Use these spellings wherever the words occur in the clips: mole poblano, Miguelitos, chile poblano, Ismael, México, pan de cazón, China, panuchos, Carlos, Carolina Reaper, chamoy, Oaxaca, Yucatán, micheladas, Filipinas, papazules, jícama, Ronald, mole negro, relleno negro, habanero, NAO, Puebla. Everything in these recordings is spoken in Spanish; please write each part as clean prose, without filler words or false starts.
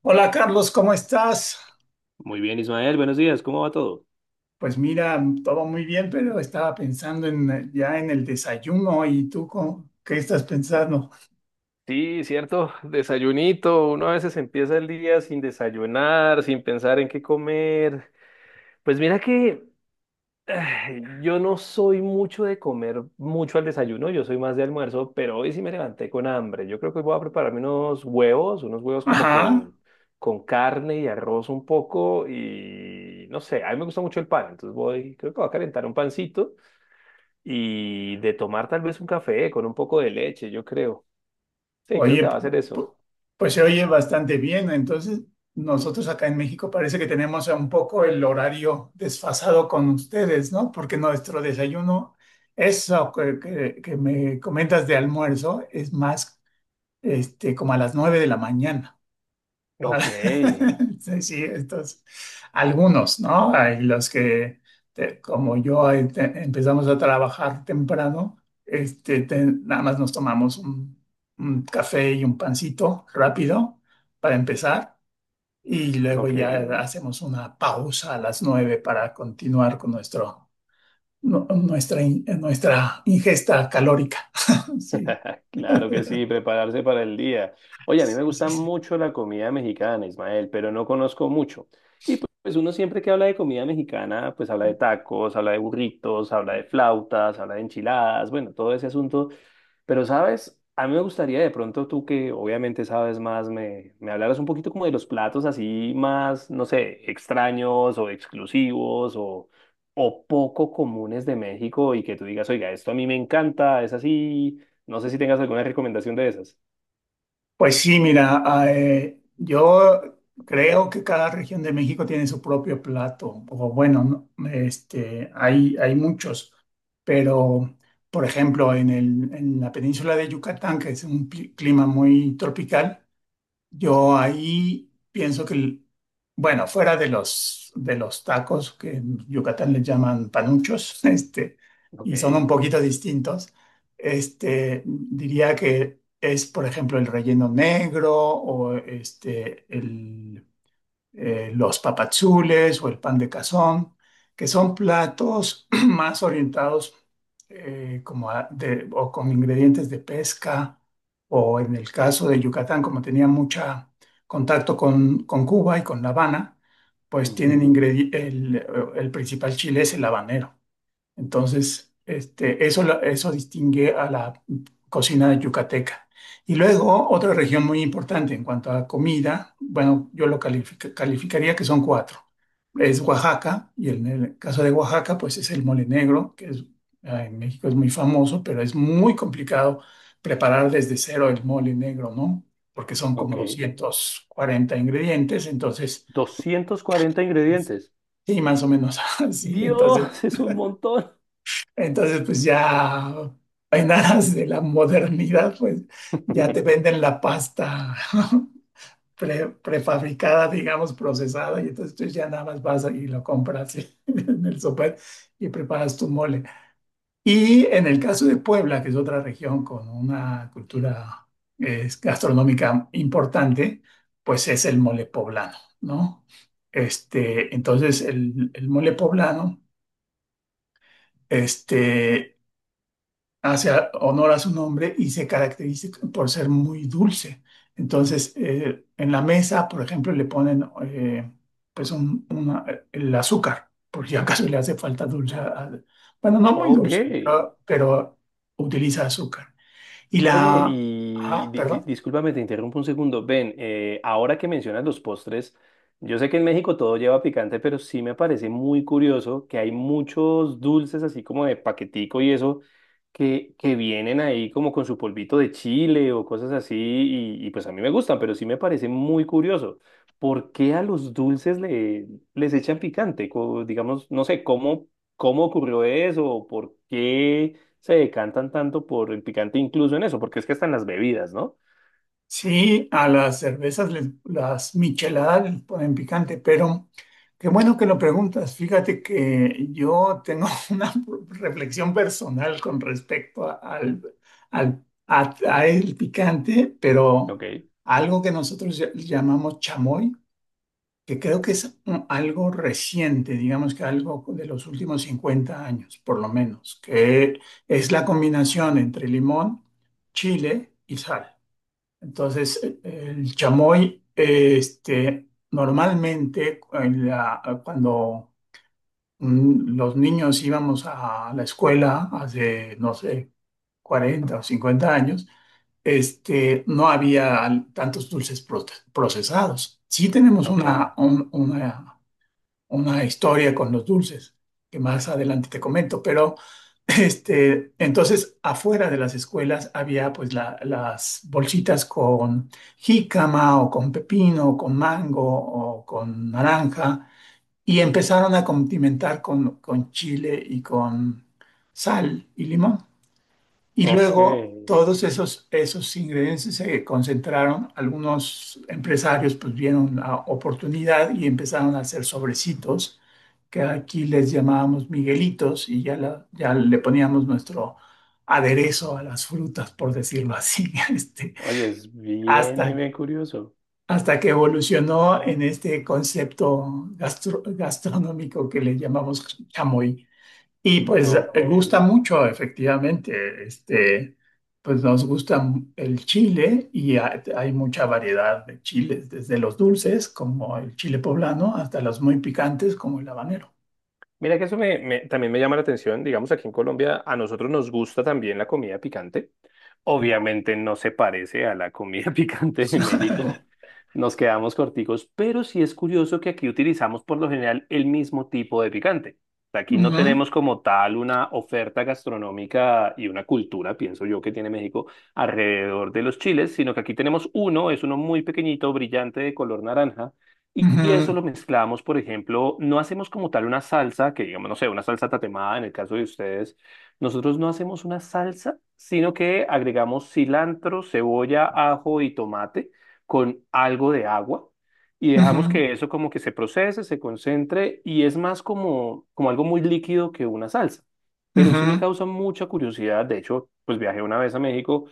Hola Carlos, ¿cómo estás? Muy bien, Ismael, buenos días, ¿cómo va todo? Pues mira, todo muy bien, pero estaba pensando en ya en el desayuno y tú ¿qué estás pensando? Sí, cierto, desayunito, uno a veces empieza el día sin desayunar, sin pensar en qué comer. Pues mira que ay, yo no soy mucho de comer mucho al desayuno, yo soy más de almuerzo, pero hoy sí me levanté con hambre. Yo creo que voy a prepararme unos huevos como Ajá, con carne y arroz un poco y no sé, a mí me gusta mucho el pan, entonces voy, creo que voy a calentar un pancito y de tomar tal vez un café con un poco de leche, yo creo. Sí, creo que oye, va a ser eso. Pues se oye bastante bien. Entonces, nosotros acá en México parece que tenemos un poco el horario desfasado con ustedes, ¿no? Porque nuestro desayuno, eso que me comentas de almuerzo, es más como a las nueve de la mañana. Ok, Sí, sí, estos, algunos, ¿no? Hay los que, como yo, empezamos a trabajar temprano, nada más nos tomamos un café y un pancito rápido para empezar y luego ok. ya hacemos una pausa a las nueve para continuar con nuestra, nuestra ingesta calórica. Sí, Claro que sí, prepararse para el día. Oye, a mí sí, me sí, gusta sí. mucho la comida mexicana, Ismael, pero no conozco mucho. Pues uno siempre que habla de comida mexicana, pues habla de tacos, habla de burritos, habla de flautas, habla de enchiladas, bueno, todo ese asunto. Pero, ¿sabes? A mí me gustaría de pronto tú que obviamente sabes más, me hablaras un poquito como de los platos así más, no sé, extraños o exclusivos o poco comunes de México y que tú digas, oiga, esto a mí me encanta, es así. No sé si tengas alguna recomendación de esas. Pues sí, mira, yo creo que cada región de México tiene su propio plato, o bueno, no, hay muchos, pero por ejemplo, en en la península de Yucatán, que es un clima muy tropical, yo ahí pienso que, bueno, fuera de de los tacos que en Yucatán les llaman panuchos, y son Ok. un poquito distintos, diría que es, por ejemplo, el relleno negro o los papazules o el pan de cazón, que son platos más orientados como o con ingredientes de pesca, o en el caso de Yucatán, como tenía mucho contacto con Cuba y con La Habana, pues tienen Ujú. El principal chile es el habanero. Entonces, eso, eso distingue a la cocina yucateca. Y luego, otra región muy importante en cuanto a comida, bueno, yo lo calificaría que son cuatro. Es Oaxaca, y en el caso de Oaxaca, pues es el mole negro, que es, en México es muy famoso, pero es muy complicado preparar desde cero el mole negro, ¿no? Porque son como Ok. 240 ingredientes, entonces, 240 ingredientes. sí, más o menos así, entonces Dios, es un montón. entonces, pues ya en aras de la modernidad, pues ya te venden la pasta prefabricada, digamos, procesada, y entonces tú ya nada más vas y lo compras en el súper y preparas tu mole. Y en el caso de Puebla, que es otra región con una cultura gastronómica importante, pues es el mole poblano, ¿no? Entonces, el mole poblano. Este, hace honor a su nombre y se caracteriza por ser muy dulce. Entonces, en la mesa, por ejemplo, le ponen pues el azúcar, por si acaso le hace falta dulce. Bueno, no muy sí, Ok. dulce, pero utiliza azúcar. Y oye, Oye, oye, ah, perdón. discúlpame, te interrumpo un segundo. Ven, ahora que mencionas los postres, yo sé que en México todo lleva picante, pero sí me parece muy curioso que hay muchos dulces así como de paquetico y eso, que vienen ahí como con su polvito de chile o cosas así, y pues a mí me gustan, pero sí me parece muy curioso. ¿Por qué a los dulces les echan picante? Digamos, no sé, ¿cómo ocurrió eso? ¿Por qué se decantan tanto por el picante incluso en eso, porque es que están las bebidas, ¿no? Sí, a las cervezas, las micheladas les ponen picante, pero qué bueno que lo preguntas. Fíjate que yo tengo una reflexión personal con respecto a el picante, pero Ok, algo que nosotros llamamos chamoy, que creo que es algo reciente, digamos que algo de los últimos 50 años, por lo menos, que es la combinación entre limón, chile y sal. Entonces, el chamoy, normalmente cuando los niños íbamos a la escuela hace, no sé, 40 o 50 años, no había tantos dulces procesados. Sí tenemos ok, una historia con los dulces, que más adelante te comento, pero entonces afuera de las escuelas había pues las bolsitas con jícama o con pepino, o con mango o con naranja y empezaron a condimentar con chile y con sal y limón. Y luego ok. todos esos, esos ingredientes se concentraron, algunos empresarios pues vieron la oportunidad y empezaron a hacer sobrecitos que aquí les llamábamos Miguelitos y ya, ya le poníamos nuestro aderezo a las frutas, por decirlo así, Oye, es bien, bien, hasta, bien curioso. hasta que evolucionó en este concepto gastronómico que le llamamos chamoy. Y pues Ok. gusta mucho, efectivamente, pues nos gusta el chile y hay mucha variedad de chiles, desde los dulces como el chile poblano hasta los muy picantes como el habanero. Mira que eso también me llama la atención. Digamos, aquí en Colombia a nosotros nos gusta también la comida picante. Obviamente no se parece a la comida picante de México. Nos quedamos corticos, pero sí es curioso que aquí utilizamos por lo general el mismo tipo de picante. Aquí no Ujú, tenemos como tal una oferta gastronómica y una cultura, pienso yo, que tiene México alrededor de los chiles, sino que aquí tenemos uno, es uno muy pequeñito, brillante, de color naranja y eso lo ujú. mezclamos, por ejemplo, no hacemos como tal una salsa, que digamos, no sé, una salsa tatemada en el caso de ustedes. Nosotros no hacemos una salsa, sino que agregamos cilantro, cebolla, ajo y tomate con algo de agua y dejamos Ujú, que eso como que se procese, se concentre y es más como, como algo muy líquido que una salsa. Pero sí me ujú, causa mucha curiosidad. De hecho, pues viajé una vez a México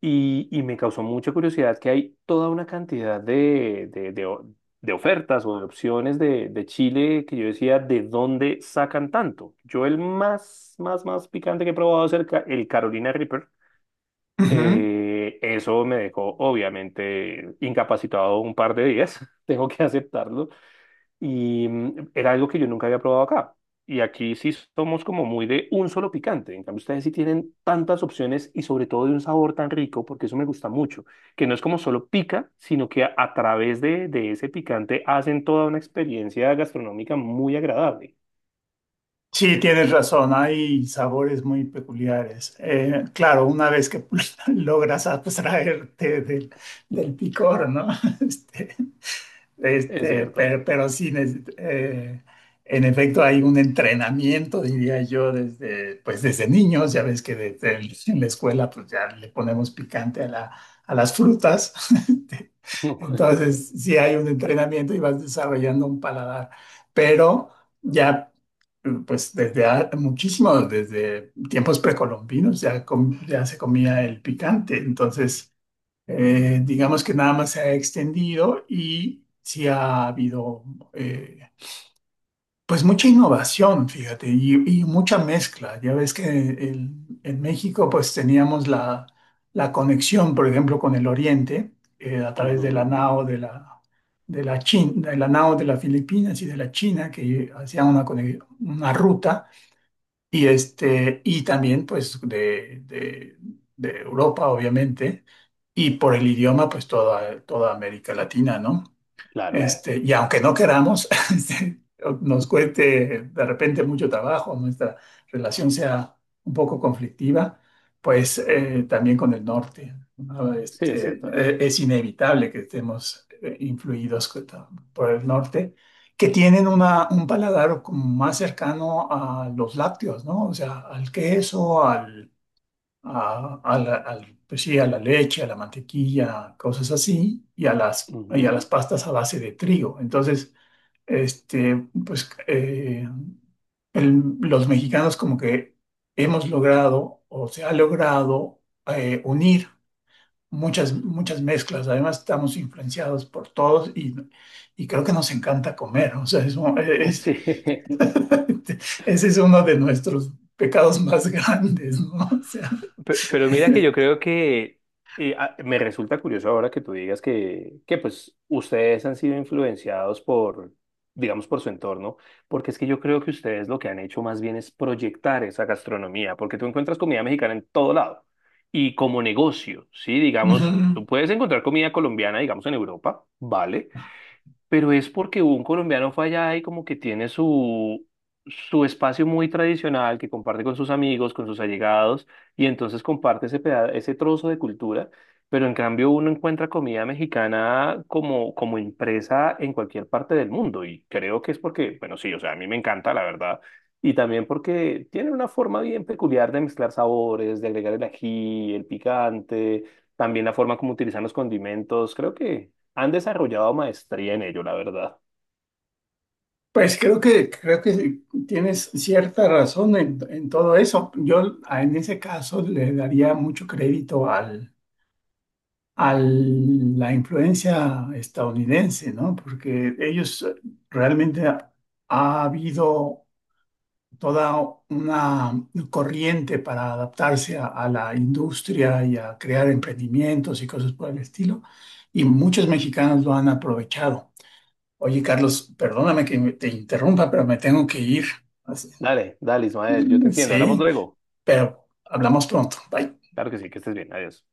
y me causó mucha curiosidad que hay toda una cantidad de ofertas o de opciones de Chile que yo decía, ¿de dónde sacan tanto? Yo el más, más, más picante que he probado es el Carolina Reaper. ujú. Eso me dejó obviamente incapacitado un par de días, tengo que aceptarlo. Y mm, era algo que yo nunca había probado acá. Y aquí sí somos como muy de un solo picante. En cambio, ustedes sí tienen tantas opciones y sobre todo de un sabor tan rico, porque eso me gusta mucho, que no es como solo pica, sino que a través de ese picante hacen toda una experiencia gastronómica muy agradable. Sí, tienes razón, hay sabores muy peculiares. Claro, una vez que logras abstraerte del picor, ¿no? Este, Es cierto. Pero sí, en efecto hay un entrenamiento, diría yo, desde, pues desde niños, ya ves que desde en la escuela pues ya le ponemos picante a a las frutas. Este, entonces, sí hay un entrenamiento y vas desarrollando un paladar, pero ya pues desde muchísimo, desde tiempos precolombinos ya, ya se comía el picante, entonces digamos que nada más se ha extendido y sí ha habido eh, pues mucha innovación, fíjate, y mucha mezcla. Ya ves que en México pues teníamos la conexión, por ejemplo, con el Oriente a través de la Ujú. NAO de de la China, de la NAO de las Filipinas y de la China, que hacían una ruta y, y también pues de Europa, obviamente, y por el idioma, pues toda, toda América Latina, ¿no? Claro. Y aunque no queramos, este, nos cueste de repente mucho trabajo, nuestra relación sea un poco conflictiva, pues también con el norte, ¿no? Sí, es cierto. Es inevitable que estemos influidos por el norte, que tienen un paladar como más cercano a los lácteos, ¿no? O sea, al queso, al a la, pues sí, a la leche, a la mantequilla, cosas así, y a las pastas a base de trigo. Entonces, pues los mexicanos como que hemos logrado o se ha logrado unir muchas, muchas mezclas. Además, estamos influenciados por todos y creo que nos encanta comer. O sea, es Ujú. Sí. ese es uno de nuestros pecados más grandes, ¿no? O sea, Pero mira que yo creo que me resulta curioso ahora que tú digas que pues ustedes han sido influenciados por, digamos, por su entorno, porque es que yo creo que ustedes lo que han hecho más bien es proyectar esa gastronomía, porque tú encuentras comida mexicana en todo lado y como negocio, ¿sí? Digamos, ujú. tú puedes encontrar comida colombiana, digamos, en Europa, ¿vale? Pero es porque un colombiano fue allá y como que tiene su, su espacio muy tradicional que comparte con sus amigos, con sus allegados, y entonces comparte ese trozo de cultura, pero en cambio uno encuentra comida mexicana como, como impresa en cualquier parte del mundo, y creo que es porque, bueno, sí, o sea, a mí me encanta, la verdad. Y también porque tiene una forma bien peculiar de mezclar sabores, de agregar el ají, el picante, también la forma como utilizan los condimentos. Creo que han desarrollado maestría en ello, la verdad. Pues creo que tienes cierta razón en todo eso. Yo en ese caso le daría mucho crédito a la influencia estadounidense, ¿no? Porque ellos realmente ha habido toda una corriente para adaptarse a la industria y a crear emprendimientos y cosas por el estilo. Y muchos mexicanos lo han aprovechado. Oye, Carlos, perdóname que te interrumpa, pero me tengo que ir. Así- Dale, dale, Ismael, yo te entiendo. Hablamos sí, luego. pero hablamos pronto. Bye. Claro que sí, que estés bien. Adiós.